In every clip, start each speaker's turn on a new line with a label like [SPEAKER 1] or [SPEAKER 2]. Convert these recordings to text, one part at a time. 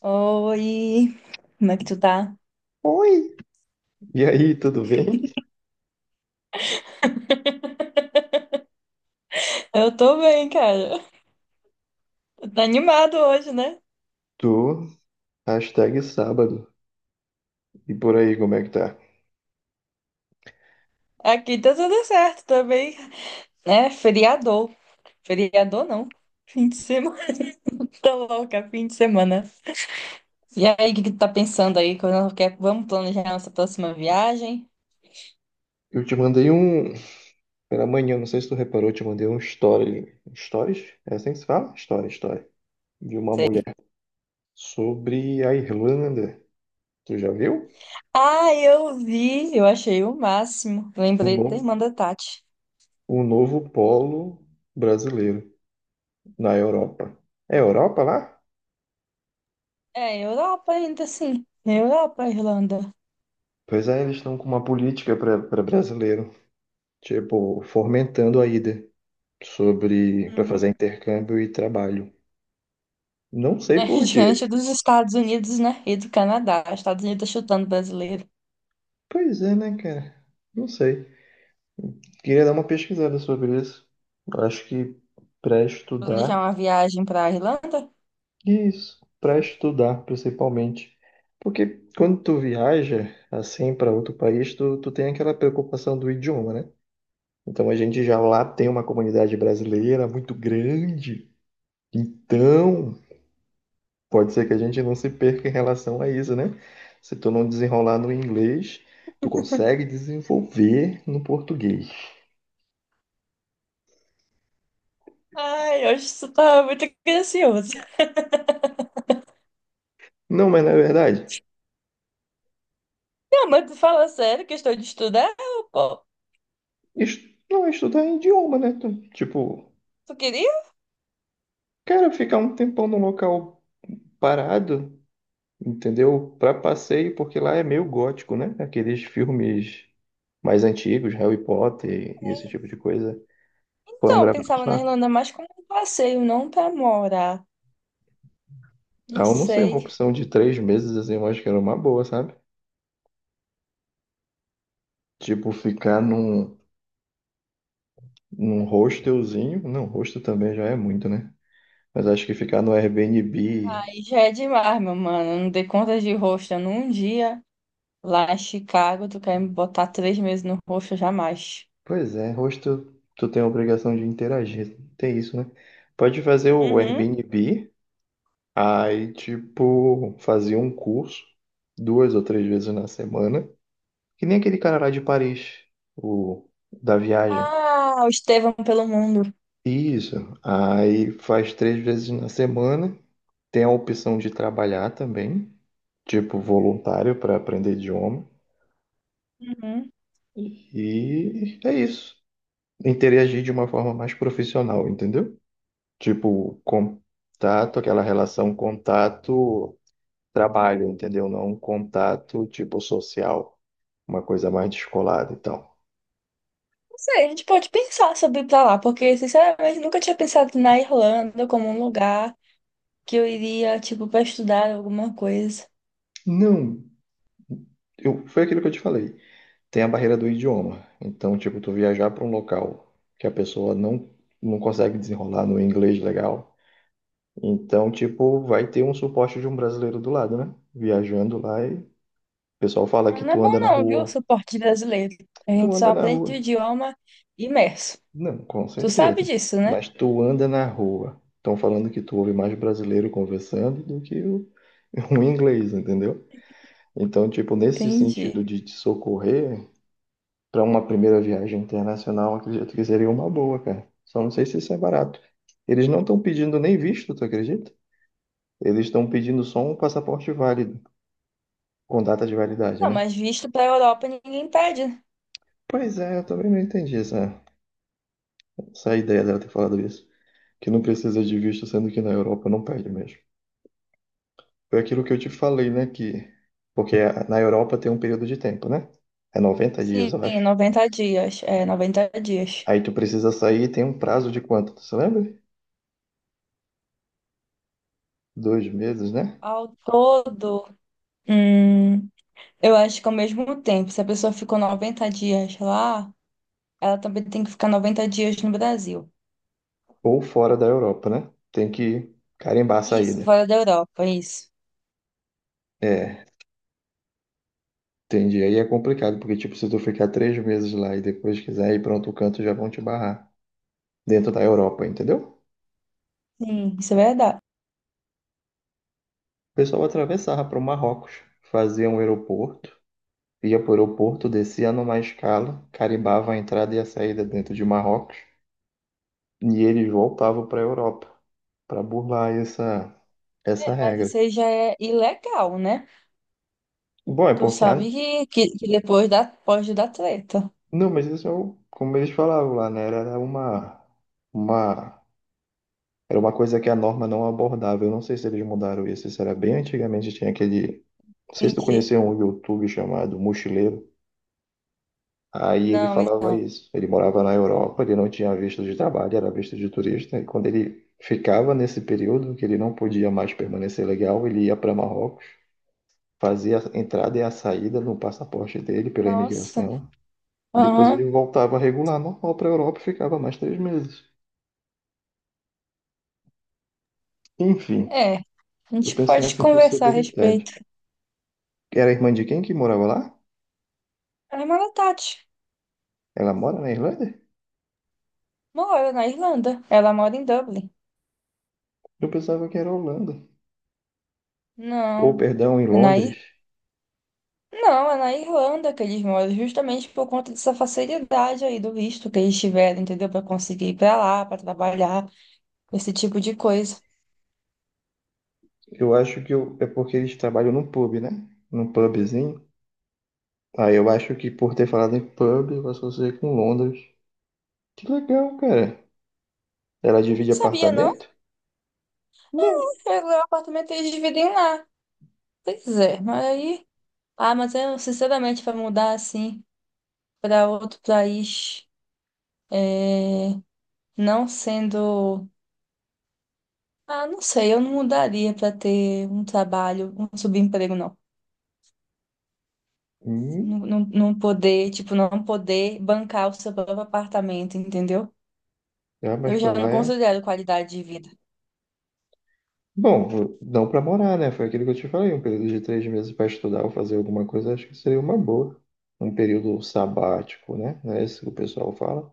[SPEAKER 1] Oi, como é que tu tá?
[SPEAKER 2] Oi! E aí, tudo bem?
[SPEAKER 1] Eu tô bem, cara. Tá animado hoje, né?
[SPEAKER 2] Tô, hashtag sábado. E por aí, como é que tá?
[SPEAKER 1] Aqui tá tudo certo também. É, feriador. Feriador não. Fim de semana. Tô louca, fim de semana. E aí, o que que tu tá pensando aí? Quando quer, vamos planejar nossa próxima viagem?
[SPEAKER 2] Eu te mandei um. Pela manhã, não sei se tu reparou, eu te mandei um story. Stories? É assim que se fala? Story, story. De uma mulher sobre a Irlanda. Tu já viu?
[SPEAKER 1] Ah, eu vi, eu achei o máximo.
[SPEAKER 2] O
[SPEAKER 1] Lembrei
[SPEAKER 2] novo,
[SPEAKER 1] da irmã da Tati.
[SPEAKER 2] o novo polo brasileiro na Europa. É Europa lá?
[SPEAKER 1] É, Europa ainda assim. Europa, Irlanda.
[SPEAKER 2] Pois é, eles estão com uma política para brasileiro, tipo, fomentando a ida sobre para fazer intercâmbio e trabalho. Não sei
[SPEAKER 1] É
[SPEAKER 2] por
[SPEAKER 1] diante
[SPEAKER 2] quê.
[SPEAKER 1] dos Estados Unidos, né? E do Canadá. Estados Unidos tá chutando brasileiro.
[SPEAKER 2] Pois é, né, cara? Não sei. Queria dar uma pesquisada sobre isso. Eu acho que para
[SPEAKER 1] Planejar
[SPEAKER 2] estudar,
[SPEAKER 1] uma viagem pra Irlanda?
[SPEAKER 2] isso, para estudar principalmente. Porque quando tu viaja assim para outro país, tu tem aquela preocupação do idioma, né? Então a gente já lá tem uma comunidade brasileira muito grande. Então, pode ser que a gente não se perca em relação a isso, né? Se tu não desenrolar no inglês, tu consegue desenvolver no português.
[SPEAKER 1] Ai, eu acho que isso tá muito gracioso.
[SPEAKER 2] Não, mas na verdade,
[SPEAKER 1] Não, mas tu fala sério, questão de estudar, pô.
[SPEAKER 2] não é estudar é idioma, né? Tipo,
[SPEAKER 1] Tu queria?
[SPEAKER 2] cara, ficar um tempão num local parado, entendeu? Pra passeio, porque lá é meio gótico, né? Aqueles filmes mais antigos, Harry Potter e esse tipo de coisa, foram
[SPEAKER 1] Então, eu
[SPEAKER 2] gravados
[SPEAKER 1] pensava na
[SPEAKER 2] lá.
[SPEAKER 1] Irlanda mais como um passeio, não pra morar.
[SPEAKER 2] Ah,
[SPEAKER 1] Não
[SPEAKER 2] eu não sei, uma
[SPEAKER 1] sei.
[SPEAKER 2] opção de 3 meses, assim, eu acho que era uma boa, sabe? Tipo, num hostelzinho. Não, hostel também já é muito, né? Mas acho que ficar no Airbnb.
[SPEAKER 1] Aí já é demais, meu mano. Eu não dei conta de rosto num dia. Lá em Chicago, tu quer me botar 3 meses no rosto, jamais.
[SPEAKER 2] Pois é, rosto, tu tem a obrigação de interagir, tem isso, né? Pode fazer o
[SPEAKER 1] Uhum.
[SPEAKER 2] Airbnb, aí, tipo, fazer um curso 2 ou 3 vezes na semana, que nem aquele cara lá de Paris, o da viagem.
[SPEAKER 1] Ah, o Estevão pelo mundo.
[SPEAKER 2] Isso, aí faz 3 vezes na semana, tem a opção de trabalhar também, tipo, voluntário para aprender idioma,
[SPEAKER 1] Uhum.
[SPEAKER 2] e é isso. Interagir de uma forma mais profissional, entendeu? Tipo, contato, aquela relação contato-trabalho, entendeu? Não um contato tipo social, uma coisa mais descolada e tal.
[SPEAKER 1] Sei, a gente pode pensar sobre ir pra lá, porque, sinceramente, nunca tinha pensado na Irlanda como um lugar que eu iria, tipo, pra estudar alguma coisa.
[SPEAKER 2] Não, eu, foi aquilo que eu te falei. Tem a barreira do idioma. Então, tipo, tu viajar para um local que a pessoa não, não consegue desenrolar no inglês legal. Então, tipo, vai ter um suporte de um brasileiro do lado, né? Viajando lá e o pessoal fala que
[SPEAKER 1] Não é
[SPEAKER 2] tu
[SPEAKER 1] bom
[SPEAKER 2] anda na
[SPEAKER 1] não, viu, o
[SPEAKER 2] rua.
[SPEAKER 1] suporte brasileiro. A
[SPEAKER 2] Tu
[SPEAKER 1] gente só
[SPEAKER 2] anda na
[SPEAKER 1] aprende
[SPEAKER 2] rua.
[SPEAKER 1] o idioma imerso.
[SPEAKER 2] Não, com
[SPEAKER 1] Tu sabe
[SPEAKER 2] certeza.
[SPEAKER 1] disso, né?
[SPEAKER 2] Mas tu anda na rua. Estão falando que tu ouve mais brasileiro conversando do que o inglês, entendeu? Então, tipo, nesse
[SPEAKER 1] Entendi.
[SPEAKER 2] sentido de te socorrer, para uma primeira viagem internacional, acredito que seria uma boa, cara. Só não sei se isso é barato. Eles não estão pedindo nem visto, tu acredita? Eles estão pedindo só um passaporte válido, com data de validade,
[SPEAKER 1] Não,
[SPEAKER 2] né?
[SPEAKER 1] mas visto pra Europa ninguém pede.
[SPEAKER 2] Pois é, eu também não entendi essa ideia dela ter falado isso. Que não precisa de visto, sendo que na Europa não pede mesmo. Foi aquilo que eu te falei, né? Que, porque na Europa tem um período de tempo, né? É 90 dias,
[SPEAKER 1] Sim,
[SPEAKER 2] eu acho.
[SPEAKER 1] 90 dias. É, 90 dias.
[SPEAKER 2] Aí tu precisa sair e tem um prazo de quanto? Tu se lembra? 2 meses, né?
[SPEAKER 1] Ao todo, hum, eu acho que ao mesmo tempo, se a pessoa ficou 90 dias lá, ela também tem que ficar 90 dias no Brasil.
[SPEAKER 2] Ou fora da Europa, né? Tem que carimbar a
[SPEAKER 1] Isso,
[SPEAKER 2] saída.
[SPEAKER 1] fora da Europa, isso.
[SPEAKER 2] É, entendi. Aí é complicado, porque, tipo, se tu ficar 3 meses lá e depois quiser ir para outro canto, já vão te barrar. Dentro da Europa, entendeu?
[SPEAKER 1] Sim, isso é verdade.
[SPEAKER 2] O pessoal atravessava para o Marrocos, fazia um aeroporto, ia para o aeroporto, descia numa escala, carimbava a entrada e a saída dentro de Marrocos. E eles voltavam para a Europa para burlar essa
[SPEAKER 1] Mas isso
[SPEAKER 2] regra.
[SPEAKER 1] aí já é ilegal, né?
[SPEAKER 2] Bom, é
[SPEAKER 1] Tu
[SPEAKER 2] porque a...
[SPEAKER 1] sabe que depois pode dar treta.
[SPEAKER 2] Não, mas isso é o... Como eles falavam lá, né? Uma era uma coisa que a norma não abordava. Eu não sei se eles mudaram isso. Isso era bem antigamente, tinha aquele, não sei se tu
[SPEAKER 1] Entendi.
[SPEAKER 2] conheceu um YouTube chamado Mochileiro. Aí ele
[SPEAKER 1] Não, isso...
[SPEAKER 2] falava isso. Ele morava na Europa, ele não tinha visto de trabalho, era visto de turista. E quando ele ficava nesse período que ele não podia mais permanecer legal, ele ia para Marrocos. Fazia a entrada e a saída no passaporte dele pela
[SPEAKER 1] Nossa.
[SPEAKER 2] imigração. Depois ele
[SPEAKER 1] Aham.
[SPEAKER 2] voltava regular normal para a Europa e ficava mais 3 meses. Enfim,
[SPEAKER 1] É. A
[SPEAKER 2] eu
[SPEAKER 1] gente
[SPEAKER 2] pensei
[SPEAKER 1] pode
[SPEAKER 2] nessa
[SPEAKER 1] conversar a respeito.
[SPEAKER 2] possibilidade. Era irmã de quem que morava lá?
[SPEAKER 1] A irmã da Tati
[SPEAKER 2] Ela mora na Irlanda?
[SPEAKER 1] mora na Irlanda. Ela mora em Dublin.
[SPEAKER 2] Eu pensava que era Holanda. Ou,
[SPEAKER 1] Não,
[SPEAKER 2] perdão, em
[SPEAKER 1] é na
[SPEAKER 2] Londres.
[SPEAKER 1] Ir... Não, é na Irlanda que eles moram, justamente por conta dessa facilidade aí do visto que eles tiveram, entendeu? Para conseguir ir para lá, para trabalhar, esse tipo de coisa.
[SPEAKER 2] Eu acho que eu- É porque eles trabalham num pub, né? Num pubzinho. Aí eu acho que por ter falado em pub, eu associei com Londres. Que legal, cara. Ela
[SPEAKER 1] Não
[SPEAKER 2] divide
[SPEAKER 1] sabia, não.
[SPEAKER 2] apartamento? Não.
[SPEAKER 1] Pegou o apartamento e eles dividem lá. Pois é, mas aí. Ah, mas eu, sinceramente, para mudar assim para outro país, é, não sendo. Ah, não sei, eu não mudaria para ter um trabalho, um subemprego, não.
[SPEAKER 2] Hum,
[SPEAKER 1] Não, não. Não poder, tipo, não poder bancar o seu próprio apartamento, entendeu?
[SPEAKER 2] ah, mas
[SPEAKER 1] Eu
[SPEAKER 2] pra
[SPEAKER 1] já não
[SPEAKER 2] lá é...
[SPEAKER 1] considero qualidade de vida.
[SPEAKER 2] Bom, não para morar, né? Foi aquilo que eu te falei, um período de 3 meses para estudar ou fazer alguma coisa, acho que seria uma boa. Um período sabático, né? Não é isso que o pessoal fala.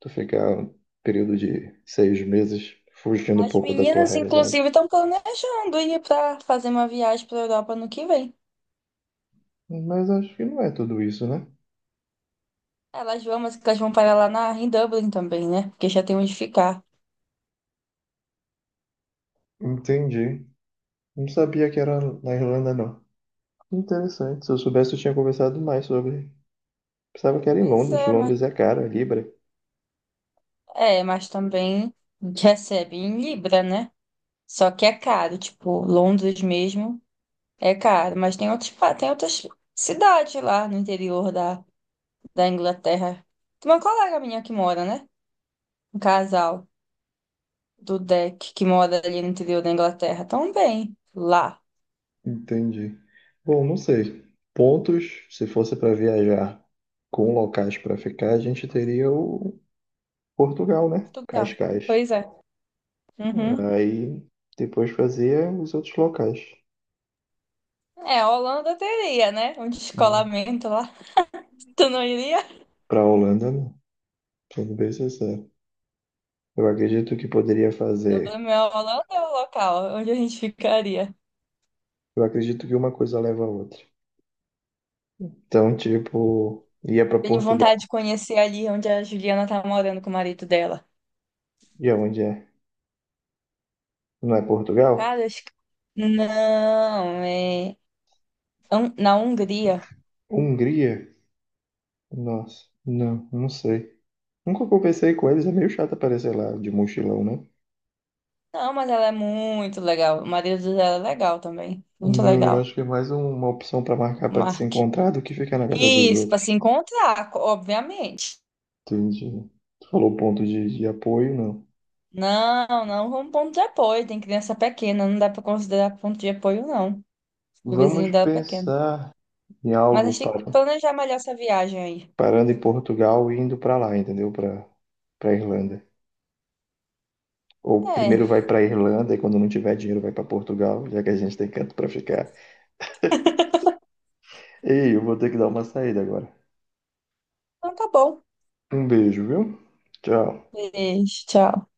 [SPEAKER 2] Tu ficar um período de 6 meses fugindo um
[SPEAKER 1] As
[SPEAKER 2] pouco da tua
[SPEAKER 1] meninas,
[SPEAKER 2] realidade.
[SPEAKER 1] inclusive, estão planejando ir para fazer uma viagem para a Europa no que vem.
[SPEAKER 2] Mas acho que não é tudo isso, né?
[SPEAKER 1] Elas vão, mas elas vão parar lá em Dublin também, né? Porque já tem onde ficar.
[SPEAKER 2] Entendi. Não sabia que era na Irlanda, não. Interessante. Se eu soubesse, eu tinha conversado mais sobre. Pensava que era em
[SPEAKER 1] Pois
[SPEAKER 2] Londres. Londres é cara, libra.
[SPEAKER 1] é, mas também recebe em Libra, né? Só que é caro, tipo, Londres mesmo é caro, mas tem outros, tem outras cidades lá no interior da Inglaterra. Tem uma colega minha que mora, né? Um casal do deck que mora ali no interior da Inglaterra também, lá,
[SPEAKER 2] Entendi. Bom, não sei. Pontos, se fosse para viajar com locais para ficar, a gente teria o Portugal, né?
[SPEAKER 1] Portugal.
[SPEAKER 2] Cascais.
[SPEAKER 1] Pois é. Uhum.
[SPEAKER 2] Aí depois fazia os outros locais.
[SPEAKER 1] É, a Holanda teria, né? Um descolamento lá. Tu não iria?
[SPEAKER 2] Para Holanda, não. Sendo bem sincero. Eu acredito que poderia fazer.
[SPEAKER 1] Dublin é o local onde a gente ficaria.
[SPEAKER 2] Eu acredito que uma coisa leva a outra. Então, tipo, ia para
[SPEAKER 1] Tenho
[SPEAKER 2] Portugal.
[SPEAKER 1] vontade de conhecer ali onde a Juliana tá morando com o marido dela.
[SPEAKER 2] E aonde é? Não é Portugal?
[SPEAKER 1] Cara, acho que... Não, é... na Hungria.
[SPEAKER 2] Hungria? Nossa, não, não sei. Nunca conversei com eles, é meio chato aparecer lá de mochilão, né?
[SPEAKER 1] Não, mas ela é muito legal. O marido dela é legal também. Muito
[SPEAKER 2] Não, eu
[SPEAKER 1] legal.
[SPEAKER 2] acho que é mais uma opção pra marcar pra te se
[SPEAKER 1] Mark.
[SPEAKER 2] encontrar do que ficar na casa dos
[SPEAKER 1] Isso, para
[SPEAKER 2] outros.
[SPEAKER 1] se encontrar, obviamente.
[SPEAKER 2] Entendi. Tu falou ponto de apoio, não.
[SPEAKER 1] Não, não como ponto de apoio. Tem criança pequena, não dá para considerar ponto de apoio, não. O
[SPEAKER 2] Vamos
[SPEAKER 1] vizinho dela é pequeno.
[SPEAKER 2] pensar em
[SPEAKER 1] Mas a
[SPEAKER 2] algo
[SPEAKER 1] gente tem que
[SPEAKER 2] para,
[SPEAKER 1] planejar melhor essa viagem aí.
[SPEAKER 2] parando em Portugal e indo pra lá, entendeu? Pra Para Irlanda. Ou
[SPEAKER 1] É,
[SPEAKER 2] primeiro vai pra Irlanda e quando não tiver dinheiro vai pra Portugal, já que a gente tem canto pra ficar. Ei, eu vou ter que dar uma saída agora.
[SPEAKER 1] então tá bom.
[SPEAKER 2] Um beijo, viu? Tchau.
[SPEAKER 1] Beijo, tchau.